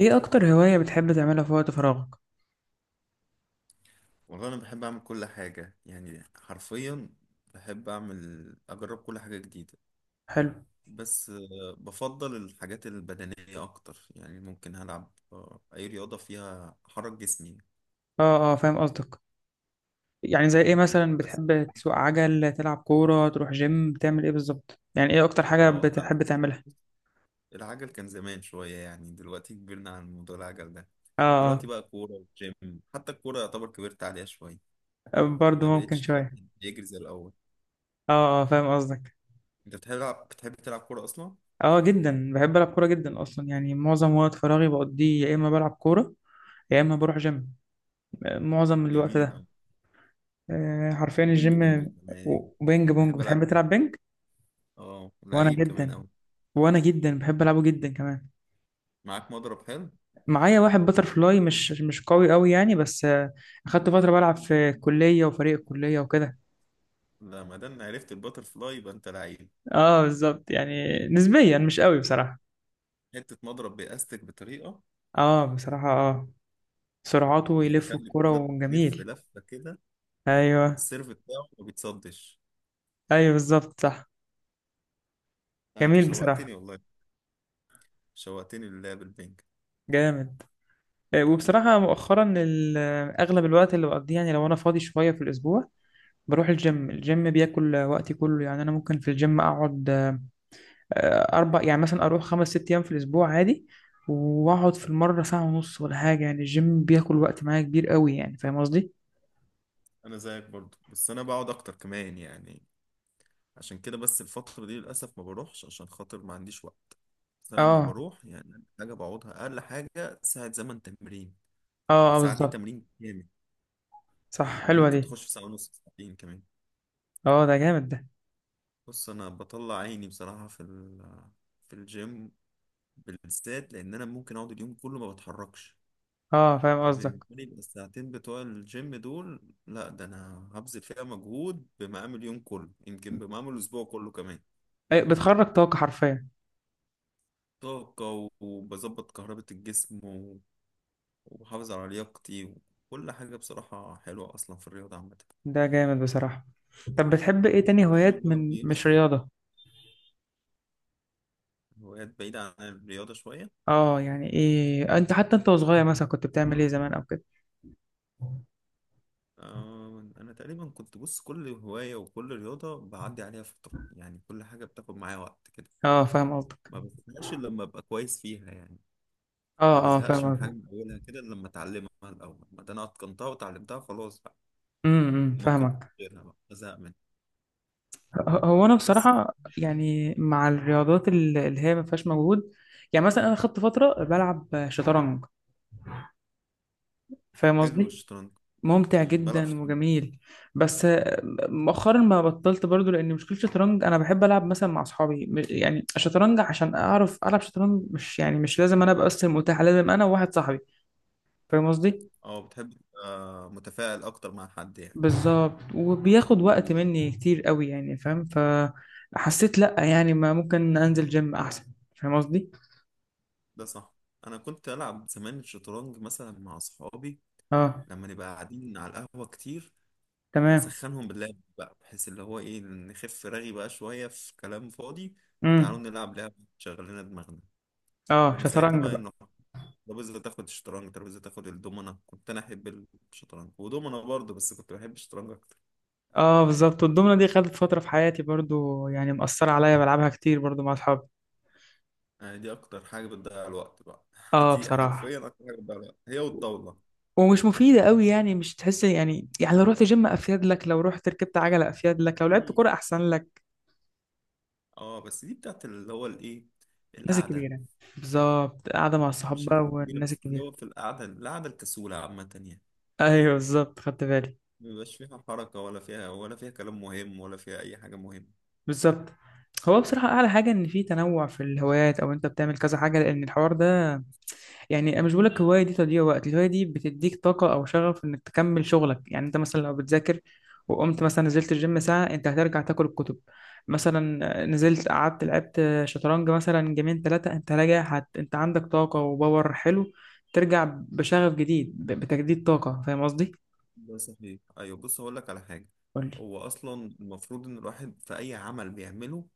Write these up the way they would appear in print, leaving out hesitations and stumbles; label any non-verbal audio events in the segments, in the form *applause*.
ايه اكتر هواية بتحب تعملها في وقت فراغك؟ والله انا بحب اعمل كل حاجه، يعني حرفيا. بحب اعمل اجرب كل حاجه جديده. حلو. بس بفضل الحاجات البدنيه اكتر، يعني ممكن العب اي رياضه فيها احرك جسمي. اه اه، فاهم قصدك. يعني زي ايه مثلا؟ بس بتحب تسوق عجل، تلعب كورة، تروح جيم، تعمل ايه بالظبط؟ يعني ايه اكتر حاجة اه العب. بتحب تعملها؟ العجل كان زمان شويه، يعني دلوقتي كبرنا عن موضوع العجل ده. اه دلوقتي بقى كوره وجيم. حتى الكوره يعتبر كبرت عليها شويه. اه، برضه ما ممكن بقتش شوية. الواحد يجري زي الاول. اه اه، فاهم قصدك. انت بتحب تلعب كوره اصلا؟ اه، جدا بحب العب كورة جدا اصلا. يعني معظم وقت فراغي بقضيه يا اما بلعب كورة يا اما بروح جيم. معظم الوقت جميل ده. أوي. آه، حرفيا وبينج الجيم. بونج كمان. وبينج بونج، بحب بتحب العب بينج. تلعب بينج؟ اه، وانا لعيب كمان جدا أوي. وانا جدا بحب العبه جدا كمان. معاك مضرب حلو؟ معايا واحد باترفلاي، مش قوي قوي يعني، بس اخدت فترة بلعب في الكلية وفريق الكلية وكده. لا، ما دام عرفت الباتر فلاي يبقى أنت لعيب. اه، بالظبط. يعني نسبيا مش قوي بصراحة. حتة مضرب بإستك بطريقة اه، بصراحة اه. سرعته يلف يخلي الكرة الكرة تلف وجميل. لفة كده. ايوه. السيرف بتاعه ما بيتصدش. ايوه، بالظبط صح. لا، أنت جميل بصراحة. شوقتني والله. شوقتني للعب البنك. جامد. وبصراحة مؤخرا اغلب الوقت اللي بقضيه، يعني لو انا فاضي شوية في الاسبوع بروح الجيم. الجيم بياكل وقتي كله. يعني انا ممكن في الجيم اقعد اربع، يعني مثلا اروح خمس ست ايام في الاسبوع عادي، واقعد في المره ساعه ونص ولا حاجه. يعني الجيم بياكل وقت معايا كبير قوي يعني، فاهم قصدي؟ أنا زيك برضو، بس أنا بقعد أكتر كمان يعني. عشان كده بس الفترة دي للأسف ما بروحش، عشان خاطر ما عنديش وقت. بس أنا لما اه. بروح يعني أقل حاجة بقعدها أقل حاجة ساعة زمن تمرين. يعني اه اه، ساعة دي بالظبط. تمرين كامل. صح، حلوه وممكن دي. تخش في ساعة ونص، ساعتين كمان. اه، ده جامد ده. بص، انا بطلع عيني بصراحه في الجيم، بالذات لان انا ممكن اقعد اليوم كله ما بتحركش. اه، فاهم قصدك. فبالنسبه لي الساعتين بتوع الجيم دول، لا ده انا هبذل فيها مجهود بمقام اليوم كله، يمكن بمقام الاسبوع كله كمان. أي، بتخرج طاقه حرفيا. طاقه وبظبط كهربة الجسم وبحافظ على لياقتي وكل حاجه، بصراحه حلوه اصلا في الرياضه عامه. ده جامد بصراحه. طب بتحب ايه تاني الجيم هوايات بقى من مش بيرسم. رياضه؟ هوايات بعيده عن الرياضه شويه. اه، يعني ايه؟ انت حتى انت وصغير مثلا كنت بتعمل ايه زمان او كده؟ أنا تقريبا كنت بص كل هواية وكل رياضة بعدي عليها فترة، يعني كل حاجة بتاخد معايا وقت كده. اه، فاهم قصدك. ما بزهقش إلا لما أبقى كويس فيها يعني. اه ما اه، بزهقش من فاهم حاجة قصدك. من أولها كده إلا لما أتعلمها الأول، ما ده أنا أتقنتها وتعلمتها خلاص بقى. أمم، ممكن فاهمك. غيرها بقى أزهق منها. هو انا بس بصراحه، يعني مع الرياضات اللي هي ما فيهاش مجهود، يعني مثلا انا خدت فتره بلعب شطرنج. فاهم حلو قصدي؟ الشطرنج. ممتع بلعب جدا شطرنج. وجميل. بس مؤخرا ما بطلت برضو، لان مشكله الشطرنج انا بحب العب مثلا مع اصحابي، يعني الشطرنج عشان اعرف العب شطرنج مش، يعني مش لازم انا ابقى بس المتاح، لازم انا وواحد صاحبي. فاهم قصدي؟ أه، بتحب تبقى متفاعل أكتر مع حد يعني. بالظبط، وبياخد وقت مني كتير قوي يعني. فاهم؟ فحسيت لا، يعني ما ممكن انزل جيم احسن. فاهم قصدي؟ ده صح. أنا كنت ألعب زمان الشطرنج مثلا مع أصحابي اه. لما نبقى قاعدين على القهوة كتير. تمام. اسخنهم باللعب بقى، بحيث اللي هو ايه، نخف رغي بقى شوية في كلام فاضي. تعالوا امم. نلعب لعبة تشغل لنا دماغنا. اه، كنا ساعتها شطرنج بقى بقى. انه ترابيزة تاخد الشطرنج، ترابيزة تاخد الدومنة. كنت انا احب الشطرنج ودومنة برضه، بس كنت بحب الشطرنج اكتر. اه بالظبط، والدومنة دي خدت فترة في حياتي برضو. يعني مأثرة عليا بلعبها كتير برضو مع أصحابي. يعني دي اكتر حاجة بتضيع الوقت بقى. *laughs* اه دي بصراحة. حرفيا اكتر حاجة بتضيع الوقت، هي والطاولة. ومش مفيدة قوي يعني. مش تحس يعني، يعني لو رحت جيم أفيد لك، لو رحت ركبت عجلة أفيد لك، لو دي لعبت كورة أحسن لك. اه، بس دي بتاعت اللي هو الايه، الناس القعدة. الكبيرة. بالظبط، قاعدة مع الصحاب مش بقى الناس الكبيرة والناس بس، اللي الكبيرة. هو في القعدة، القعدة الكسولة عامة يعني. *laughs* أيوه، بالظبط، خدت بالي. مبيبقاش فيها حركة، ولا فيها كلام مهم، ولا فيها أي حاجة مهمة. بالظبط. هو بصراحة أعلى حاجة إن في تنوع في الهوايات، أو أنت بتعمل كذا حاجة، لأن الحوار ده يعني، انا مش بقول لك الهوايه دي تضييع وقت، الهوايه دي بتديك طاقه او شغف انك تكمل شغلك. يعني انت مثلا لو بتذاكر وقمت مثلا نزلت الجيم ساعه، انت هترجع تاكل الكتب. مثلا نزلت قعدت لعبت شطرنج مثلا جيمين ثلاثه، انت راجع انت عندك طاقه وباور حلو. ترجع بشغف جديد بتجديد طاقه. فاهم قصدي؟ ده صحيح. أيوة، بص هقول لك على حاجة. قول لي. هو أصلا المفروض إن الواحد في أي عمل بيعمله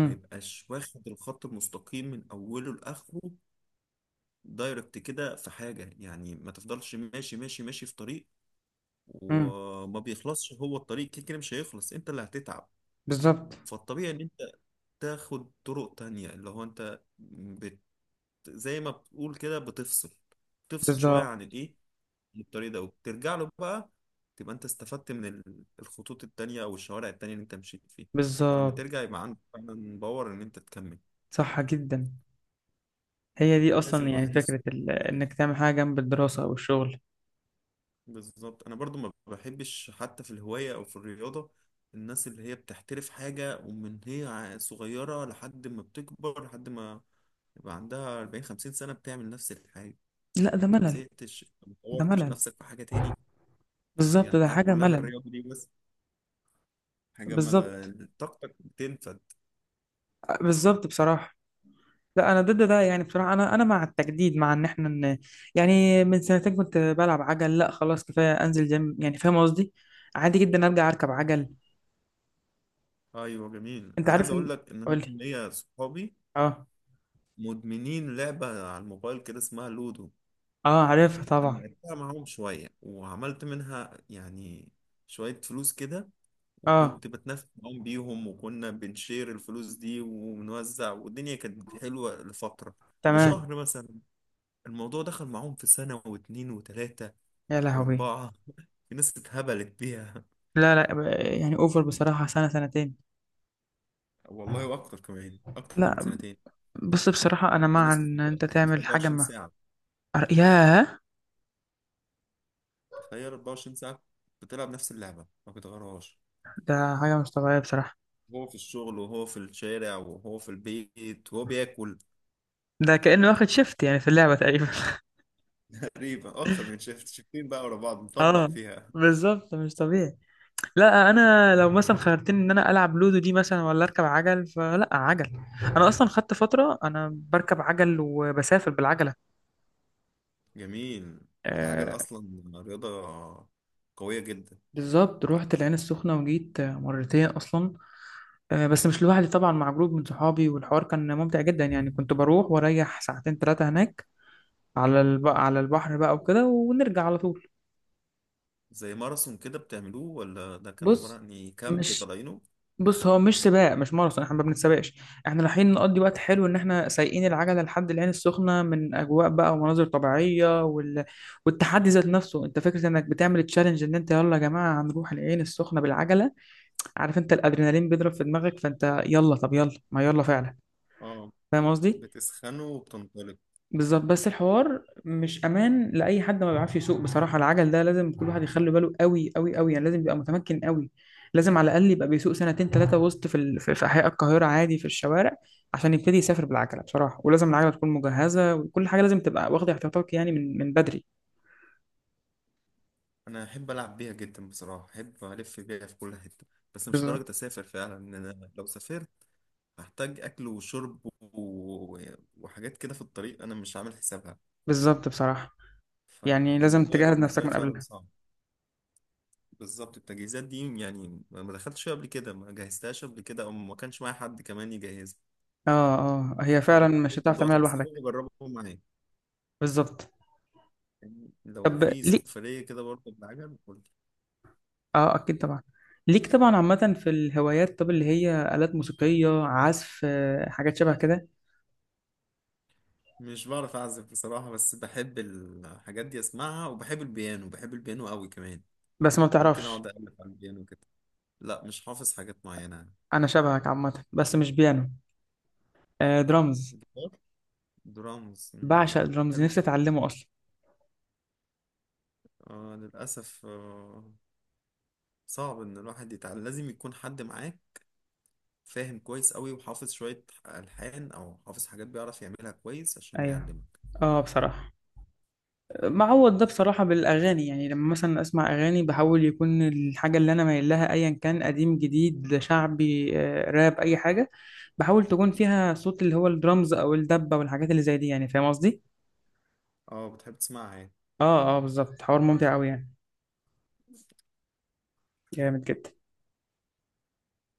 ما يبقاش واخد الخط المستقيم من أوله لآخره دايركت كده في حاجة. يعني ما تفضلش ماشي ماشي ماشي في طريق، امم. وما بيخلصش. هو الطريق كده كده مش هيخلص، أنت اللي هتتعب. بالظبط. فالطبيعي إن أنت تاخد طرق تانية، اللي هو زي ما بتقول كده بتفصل. تفصل شوية بالظبط. عن الإيه، الطريق ده، وبترجع له بقى. تبقى انت استفدت من الخطوط التانية او الشوارع التانية اللي انت مشيت فيها. فلما بالظبط. ترجع يبقى عندك فعلا باور ان انت تكمل. صح جدا. هي دي لازم اصلا يعني الواحد يفصل فكره في كل انك حاجة. تعمل حاجه جنب الدراسه او الشغل. بالظبط، انا برضو ما بحبش حتى في الهواية او في الرياضة، الناس اللي هي بتحترف حاجة ومن هي صغيرة لحد ما بتكبر، لحد ما يبقى عندها 40 50 سنة بتعمل نفس الحاجة. لا طب ده انت ما ملل. زهقتش؟ أنت ما ده طورتش ملل. نفسك في حاجة تاني؟ هي بالظبط، ده الحياة حاجة كلها ملل. الرياضة دي بس. حاجة ما بالظبط. ل- طاقتك بتنفد. بالظبط بصراحة. لا، أنا ضد ده يعني بصراحة. أنا أنا مع التجديد، مع إن إحنا يعني من سنتين كنت بلعب عجل، لا خلاص كفاية أنزل جيم. يعني فاهم قصدي؟ عادي جدا أرجع أركب عجل. ايوه جميل. أنت انا عايز عارف اقول إن. لك ان انا قولي. كان ليا صحابي أه. مدمنين لعبه على الموبايل كده اسمها لودو. أه، عارفها انا طبعا. لعبتها معاهم شويه وعملت منها يعني شويه فلوس كده. أه. وكنت بتنافس معاهم بيهم، وكنا بنشير الفلوس دي ونوزع، والدنيا كانت حلوه لفتره. تمام. لشهر مثلا. الموضوع دخل معاهم في سنه واتنين وتلاته يا لهوي. واربعه. *laughs* في ناس اتهبلت بيها. لا لا، يعني أوفر بصراحة سنة سنتين. والله واكتر كمان، اكتر من لا. سنتين. بص بصراحة، أنا في مع ناس كنت إن بقى أنت تعمل حاجة 24 ما. ساعه. ياه. تخيل 24 ساعة بتلعب نفس اللعبة ما بتغيرهاش. ده حاجة مش طبيعية بصراحة. هو في الشغل، وهو في الشارع، وهو في البيت، وهو بياكل. ده كأنه واخد شيفت يعني في اللعبة تقريبا. *laughs* تقريبا أكتر من شيفت، شيفتين بقى ورا بعض مطبق اه، فيها. بالظبط مش طبيعي. لا انا لو مثلا خيرتني ان انا العب لودو دي مثلا ولا اركب عجل، فلا عجل. انا اصلا خدت فتره انا بركب عجل وبسافر بالعجله. جميل. العجل آه. أصلا رياضة قوية جدا. بالظبط، رحت العين السخنه وجيت مرتين اصلا. آه، بس مش لوحدي طبعا، مع جروب من صحابي والحوار كان ممتع جدا. يعني كنت بروح واريح ساعتين ثلاثه هناك على على البحر بقى وكده ونرجع على طول. زي ماراثون كده بتعملوه، ولا ده كان عبارة بص. عن إيه؟ كامب مش. طالعينه؟ بص هو مش سباق، مش ماراثون، احنا ما بنتسابقش. احنا رايحين نقضي وقت حلو، ان احنا سايقين العجله لحد العين السخنه من اجواء بقى ومناظر طبيعيه والتحدي ذات نفسه. انت فكره انك بتعمل تشالنج، ان انت يلا يا جماعه هنروح العين السخنه بالعجله. عارف انت الادرينالين بيضرب في دماغك فانت يلا، طب يلا ما يلا فعلا. اه، فاهم قصدي؟ بتسخنوا وبتنطلق. بالظبط. بس الحوار مش امان لاي حد ما بيعرفش يسوق بصراحه. العجل ده لازم كل واحد يخلي باله قوي قوي قوي يعني، لازم يبقى متمكن قوي. لازم على الاقل يبقى بيسوق سنتين ثلاثه وسط في احياء القاهره عادي، في الشوارع، عشان يبتدي يسافر بالعجله بصراحه. ولازم العجله تكون مجهزه وكل حاجه، لازم تبقى واخد احتياطاتك يعني من بدري. أنا أحب ألعب بيها جدا بصراحة، أحب ألف بيها في كل حتة. بس مش بالظبط. لدرجة أسافر فعلا. إن أنا لو سافرت هحتاج اكل وشرب وحاجات كده في الطريق انا مش عامل حسابها. بالظبط بصراحه. يعني لازم فالموضوع يبقى تجهز بالنسبه نفسك لي من فعلا قبلها. صعب. بالظبط، التجهيزات دي يعني ما دخلتش فيها قبل كده، ما جهزتهاش قبل كده، او ما كانش معايا حد كمان يجهزها. اه. اه، هي فعلا فبالنسبه لي مش هتعرف الموضوع تعملها صعب، بس لوحدك. حابب اجربه معاك. بالظبط. يعني لو طب في ليه؟ سفريه كده برضه بالعجل قول لي. اه اكيد طبعا. ليك طبعا. عامة في الهوايات، طب اللي هي آلات موسيقية عزف حاجات شبه كده؟ مش بعرف اعزف بصراحه، بس بحب الحاجات دي اسمعها. وبحب البيانو، بحب البيانو قوي كمان. بس ما ممكن بتعرفش. اقعد اقلب على البيانو كده. لا، مش حافظ حاجات معينه. انا شبهك عامة، بس مش بيانو. آه، درامز. درامز، مم. بعشق درامز، حلو نفسي جدا. اتعلمه اصلا. آه، للأسف آه، صعب إن الواحد يتعلم. لازم يكون حد معاه فاهم كويس أوي وحافظ شوية ألحان أو حافظ حاجات بيعرف يعملها كويس عشان ايوه. يعلمك. اه بصراحة، معوض ده بصراحة بالأغاني. يعني لما مثلا أسمع أغاني، بحاول يكون الحاجة اللي أنا مايل لها، أيا كان قديم جديد شعبي راب، أي حاجة، بحاول تكون فيها صوت اللي هو الدرامز أو الدبة والحاجات اللي زي دي. يعني فاهم قصدي؟ اه، بتحب تسمعها يعني. اه. اه، بالظبط. حوار ممتع أوي يعني. جامد جدا.